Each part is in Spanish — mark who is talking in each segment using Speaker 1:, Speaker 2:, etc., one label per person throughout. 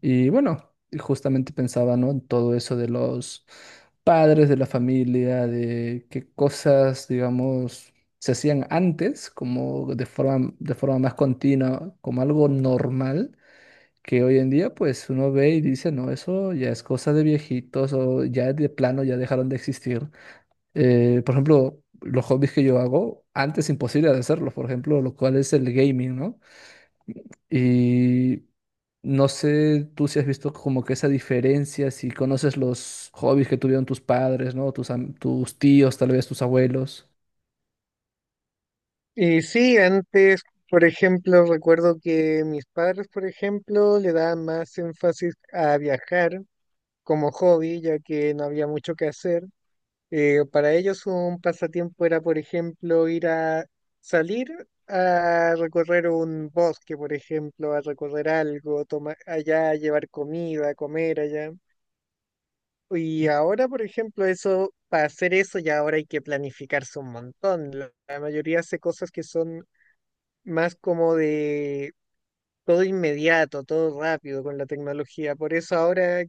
Speaker 1: Y bueno, y justamente pensaba, ¿no? En todo eso de los padres, de la familia, de qué cosas, digamos, se hacían antes, como de forma más continua, como algo normal, que hoy en día, pues uno ve y dice, no, eso ya es cosa de viejitos o ya de plano ya dejaron de existir. Por ejemplo, los hobbies que yo hago, antes imposible de hacerlos, por ejemplo, lo cual es el gaming, ¿no? Y no sé tú si has visto como que esa diferencia, si conoces los hobbies que tuvieron tus padres, ¿no? Tus, tus tíos, tal vez tus abuelos.
Speaker 2: Y sí, antes, por ejemplo, recuerdo que mis padres, por ejemplo, le daban más énfasis a viajar como hobby, ya que no había mucho que hacer. Para ellos un pasatiempo era, por ejemplo, ir a salir a recorrer un bosque, por ejemplo, a recorrer algo, tomar allá, llevar comida, comer allá. Y ahora, por ejemplo, eso, para hacer eso ya ahora hay que planificarse un montón. La mayoría hace cosas que son más como de todo inmediato, todo rápido con la tecnología. Por eso ahora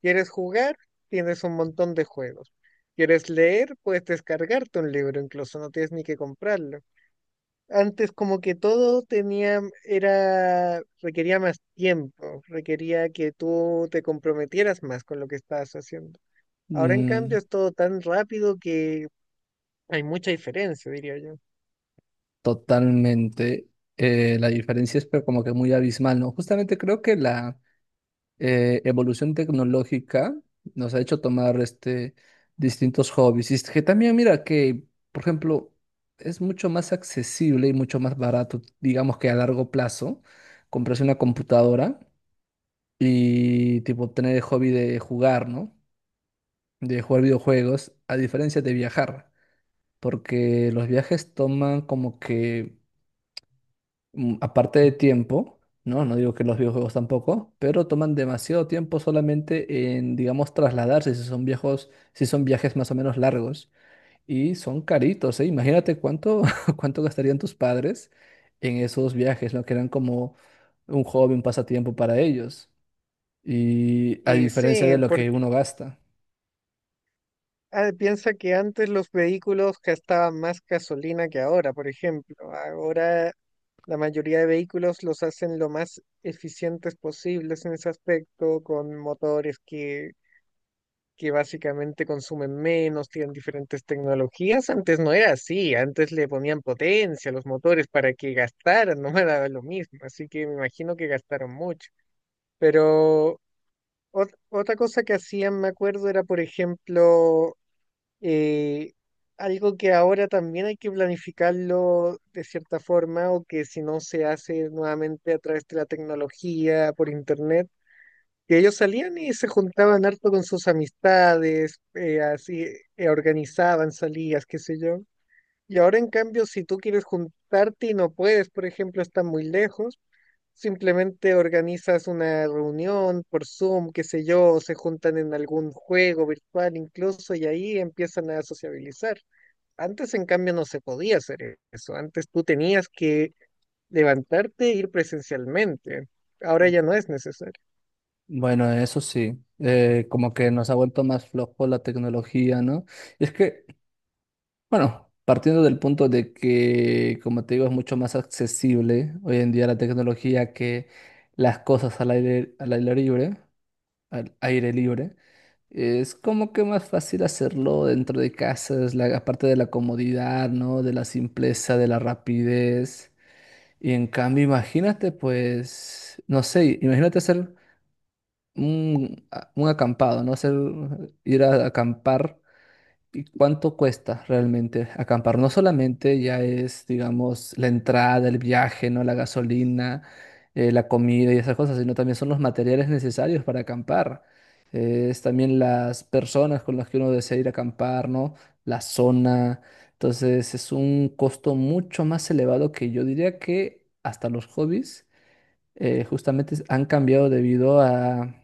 Speaker 2: quieres jugar, tienes un montón de juegos. Quieres leer, puedes descargarte un libro, incluso no tienes ni que comprarlo. Antes como que todo tenía, era, requería más tiempo, requería que tú te comprometieras más con lo que estabas haciendo. Ahora en
Speaker 1: Mm,
Speaker 2: cambio es todo tan rápido que hay mucha diferencia, diría yo.
Speaker 1: totalmente. La diferencia es pero como que muy abismal, ¿no? Justamente creo que la evolución tecnológica nos ha hecho tomar distintos hobbies. Y es que también, mira, que, por ejemplo, es mucho más accesible y mucho más barato, digamos que a largo plazo, comprarse una computadora y tipo tener el hobby de jugar, ¿no? De jugar videojuegos, a diferencia de viajar, porque los viajes toman como que aparte de tiempo, ¿no? No digo que los videojuegos tampoco, pero toman demasiado tiempo solamente en, digamos, trasladarse, si son viejos, si son viajes más o menos largos. Y son caritos, ¿eh? Imagínate cuánto, cuánto gastarían tus padres en esos viajes, ¿no? Que eran como un hobby, un pasatiempo para ellos. Y a
Speaker 2: Y
Speaker 1: diferencia
Speaker 2: sí,
Speaker 1: de lo
Speaker 2: por,
Speaker 1: que uno gasta.
Speaker 2: ah, piensa que antes los vehículos gastaban más gasolina que ahora, por ejemplo. Ahora la mayoría de vehículos los hacen lo más eficientes posibles en ese aspecto, con motores que básicamente consumen menos, tienen diferentes tecnologías. Antes no era así, antes le ponían potencia a los motores para que gastaran, no me daba lo mismo, así que me imagino que gastaron mucho. Pero otra cosa que hacían, me acuerdo, era, por ejemplo, eh, algo que ahora también hay que planificarlo de cierta forma o que si no se hace nuevamente a través de la tecnología, por internet, que ellos salían y se juntaban harto con sus amistades, así organizaban salidas, qué sé yo. Y ahora en cambio, si tú quieres juntarte y no puedes, por ejemplo, están muy lejos. Simplemente organizas una reunión por Zoom, qué sé yo, o se juntan en algún juego virtual incluso y ahí empiezan a sociabilizar. Antes, en cambio, no se podía hacer eso. Antes tú tenías que levantarte e ir presencialmente. Ahora ya no es necesario.
Speaker 1: Bueno, eso sí, como que nos ha vuelto más flojo la tecnología, ¿no? Es que bueno, partiendo del punto de que, como te digo, es mucho más accesible hoy en día la tecnología que las cosas al aire, al aire libre, es como que más fácil hacerlo dentro de casa, es la, aparte de la comodidad, ¿no? De la simpleza, de la rapidez. Y en cambio, imagínate, pues, no sé, imagínate hacer un, un acampado, ¿no? Hacer, ir a acampar. ¿Y cuánto cuesta realmente acampar? No solamente ya es, digamos, la entrada, el viaje, ¿no? La gasolina, la comida y esas cosas, sino también son los materiales necesarios para acampar. Es también las personas con las que uno desea ir a acampar, ¿no? La zona. Entonces es un costo mucho más elevado que yo diría que hasta los hobbies justamente han cambiado debido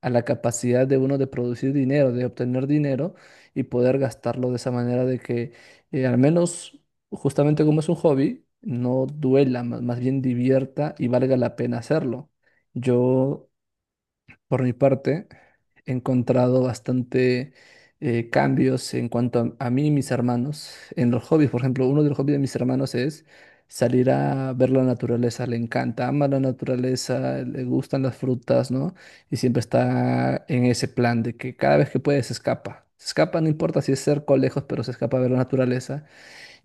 Speaker 1: a la capacidad de uno de producir dinero, de obtener dinero y poder gastarlo de esa manera de que al menos justamente como es un hobby, no duela, más bien divierta y valga la pena hacerlo. Yo por mi parte, he encontrado bastante cambios en cuanto a mí y mis hermanos en los hobbies. Por ejemplo, uno de los hobbies de mis hermanos es salir a ver la naturaleza. Le encanta, ama la naturaleza, le gustan las frutas, ¿no? Y siempre está en ese plan de que cada vez que puede se escapa. Se escapa, no importa si es cerca o lejos, pero se escapa a ver la naturaleza.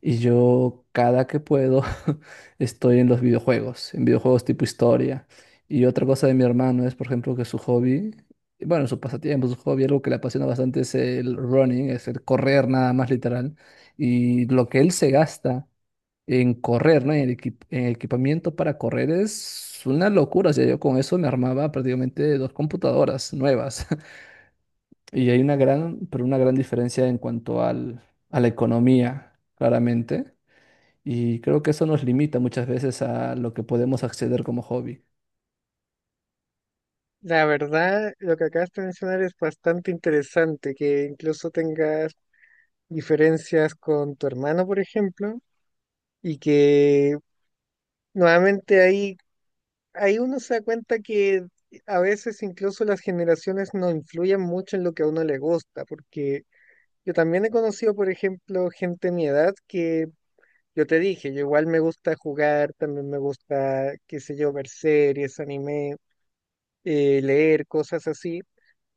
Speaker 1: Y yo cada que puedo estoy en los videojuegos, en videojuegos tipo historia. Y otra cosa de mi hermano es, por ejemplo, que su hobby, bueno, su pasatiempo, su hobby, algo que le apasiona bastante es el running, es el correr nada más literal. Y lo que él se gasta en correr, ¿no? En el en equipamiento para correr es una locura. O sea, yo con eso me armaba prácticamente dos computadoras nuevas. Y hay una gran, pero una gran diferencia en cuanto al, a la economía, claramente y creo que eso nos limita muchas veces a lo que podemos acceder como hobby.
Speaker 2: La verdad, lo que acabas de mencionar es bastante interesante, que incluso tengas diferencias con tu hermano, por ejemplo, y que nuevamente ahí, ahí uno se da cuenta que a veces incluso las generaciones no influyen mucho en lo que a uno le gusta, porque yo también he conocido, por ejemplo, gente de mi edad que yo te dije, yo igual me gusta jugar, también me gusta, qué sé yo, ver series, anime, leer cosas así.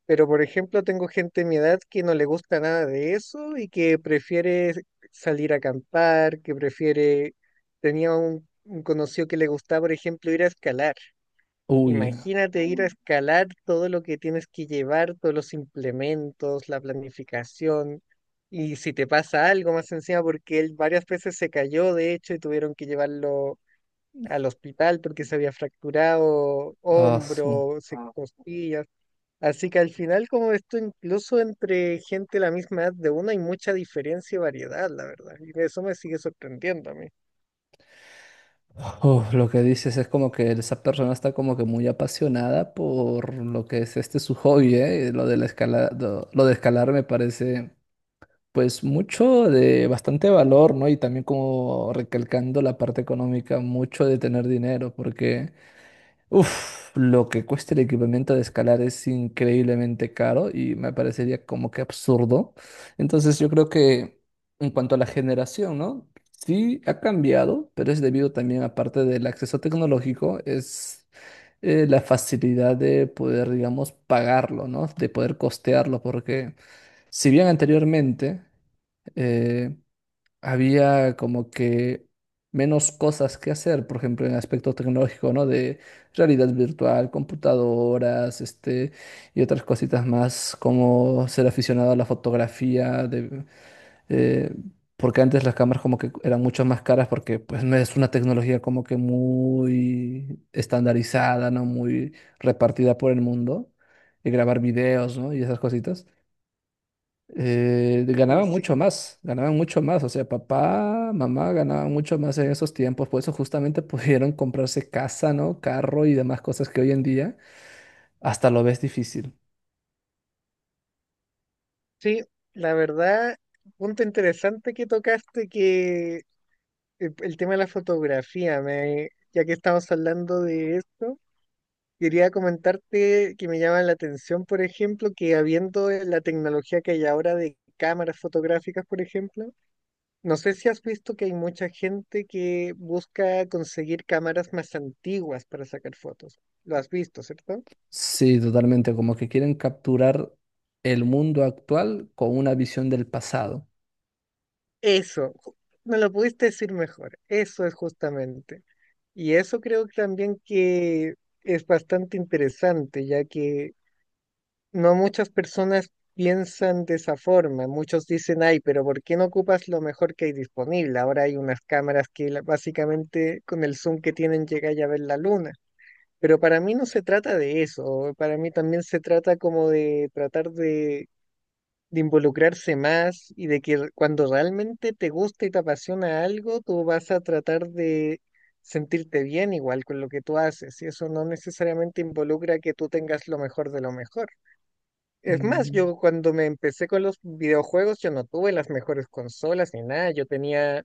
Speaker 2: Pero, por ejemplo, tengo gente de mi edad que no le gusta nada de eso y que prefiere salir a acampar, que prefiere... Tenía un conocido que le gustaba, por ejemplo, ir a escalar.
Speaker 1: Uy,
Speaker 2: Imagínate ir a escalar todo lo que tienes que llevar, todos los implementos, la planificación, y si te pasa algo más encima, porque él varias veces se cayó, de hecho, y tuvieron que llevarlo al hospital porque se había fracturado
Speaker 1: ah, su-
Speaker 2: hombro, se- costillas. Así que al final, como esto, incluso entre gente de la misma edad de uno, hay mucha diferencia y variedad, la verdad. Y eso me sigue sorprendiendo a mí.
Speaker 1: uf, lo que dices es como que esa persona está como que muy apasionada por lo que es este su hobby, ¿eh? Lo de la escala, lo de escalar me parece pues mucho de bastante valor, ¿no? Y también como recalcando la parte económica, mucho de tener dinero, porque uf, lo que cuesta el equipamiento de escalar es increíblemente caro y me parecería como que absurdo. Entonces yo creo que en cuanto a la generación, ¿no? Sí ha cambiado, pero es debido también, aparte del acceso tecnológico, es la facilidad de poder, digamos, pagarlo, ¿no? De poder costearlo, porque si bien anteriormente eh, había como que menos cosas que hacer, por ejemplo, en el aspecto tecnológico, ¿no? De realidad virtual, computadoras, y otras cositas más, como ser aficionado a la fotografía, eh, porque antes las cámaras como que eran mucho más caras porque pues no es una tecnología como que muy estandarizada, ¿no? Muy repartida por el mundo, y grabar videos, ¿no? Y esas cositas
Speaker 2: Y sí,
Speaker 1: ganaban mucho más, o sea, papá, mamá ganaban mucho más en esos tiempos, por eso justamente pudieron comprarse casa, ¿no? Carro y demás cosas que hoy en día hasta lo ves difícil.
Speaker 2: sí, la verdad punto interesante que tocaste que el tema de la fotografía, me, ya que estamos hablando de esto, quería comentarte que me llama la atención, por ejemplo, que habiendo la tecnología que hay ahora de cámaras fotográficas, por ejemplo, no sé si has visto que hay mucha gente que busca conseguir cámaras más antiguas para sacar fotos. Lo has visto, ¿cierto?
Speaker 1: Sí, totalmente, como que quieren capturar el mundo actual con una visión del pasado.
Speaker 2: Eso, me lo pudiste decir mejor, eso es justamente. Y eso creo que también que es bastante interesante, ya que no muchas personas piensan de esa forma. Muchos dicen, ay, pero ¿por qué no ocupas lo mejor que hay disponible? Ahora hay unas cámaras que básicamente con el zoom que tienen llegáis a ver la luna. Pero para mí no se trata de eso. Para mí también se trata como de tratar de involucrarse más y de que cuando realmente te gusta y te apasiona algo, tú vas a tratar de sentirte bien igual con lo que tú haces. Y eso no necesariamente involucra que tú tengas lo mejor de lo mejor. Es más,
Speaker 1: Mm,
Speaker 2: yo cuando me empecé con los videojuegos, yo no tuve las mejores consolas ni nada, yo tenía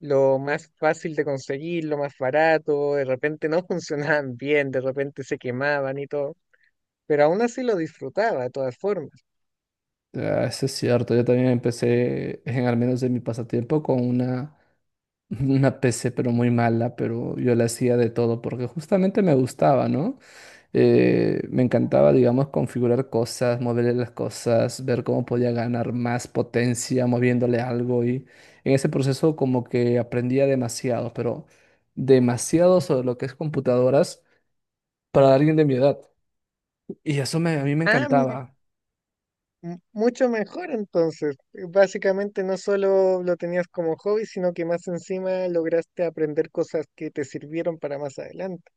Speaker 2: lo más fácil de conseguir, lo más barato, de repente no funcionaban bien, de repente se quemaban y todo, pero aún así lo disfrutaba de todas formas.
Speaker 1: ah, eso es cierto, yo también empecé, en, al menos en mi pasatiempo, con una, una PC, pero muy mala, pero yo la hacía de todo porque justamente me gustaba, ¿no? Me encantaba, digamos, configurar cosas, moverle las cosas, ver cómo podía ganar más potencia moviéndole algo y en ese proceso como que aprendía demasiado, pero demasiado sobre lo que es computadoras para alguien de mi edad. Y eso a mí me
Speaker 2: Ah,
Speaker 1: encantaba.
Speaker 2: mucho mejor entonces, básicamente no solo lo tenías como hobby, sino que más encima lograste aprender cosas que te sirvieron para más adelante.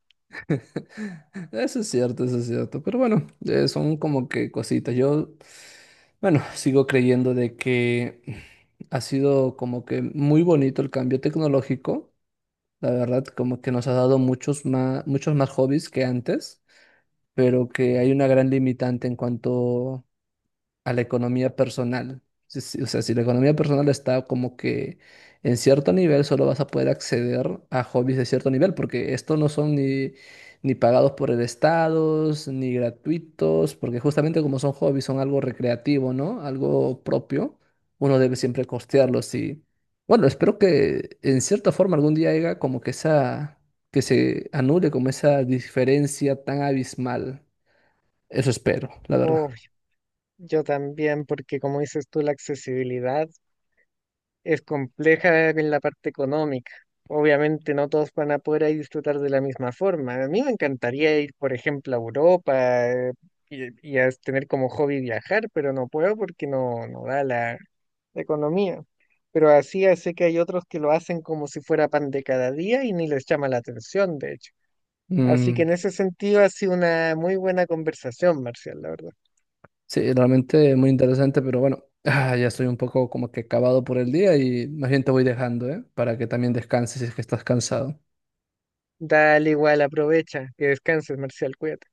Speaker 1: Eso es cierto, pero bueno, son como que cositas. Yo, bueno, sigo creyendo de que ha sido como que muy bonito el cambio tecnológico. La verdad, como que nos ha dado muchos más hobbies que antes, pero que hay una gran limitante en cuanto a la economía personal. O sea, si la economía personal está como que en cierto nivel, solo vas a poder acceder a hobbies de cierto nivel, porque estos no son ni pagados por el Estado, ni gratuitos, porque justamente como son hobbies, son algo recreativo, ¿no? Algo propio, uno debe siempre costearlos y, bueno, espero que en cierta forma algún día haya como que esa, que se anule como esa diferencia tan abismal. Eso espero, la
Speaker 2: Oh,
Speaker 1: verdad.
Speaker 2: yo también, porque como dices tú, la accesibilidad. Es compleja en la parte económica. Obviamente no todos van a poder ahí disfrutar de la misma forma. A mí me encantaría ir, por ejemplo, a Europa, y a tener como hobby viajar, pero no puedo porque no, no da la, la economía. Pero así ya sé que hay otros que lo hacen como si fuera pan de cada día y ni les llama la atención, de hecho. Así que
Speaker 1: Mm.
Speaker 2: en ese sentido ha sido una muy buena conversación, Marcial, la verdad.
Speaker 1: Sí, realmente muy interesante, pero bueno, ah, ya estoy un poco como que acabado por el día y más bien te voy dejando, ¿eh? Para que también descanses si es que estás cansado.
Speaker 2: Dale igual, aprovecha, que descanses, Marcial, cuídate.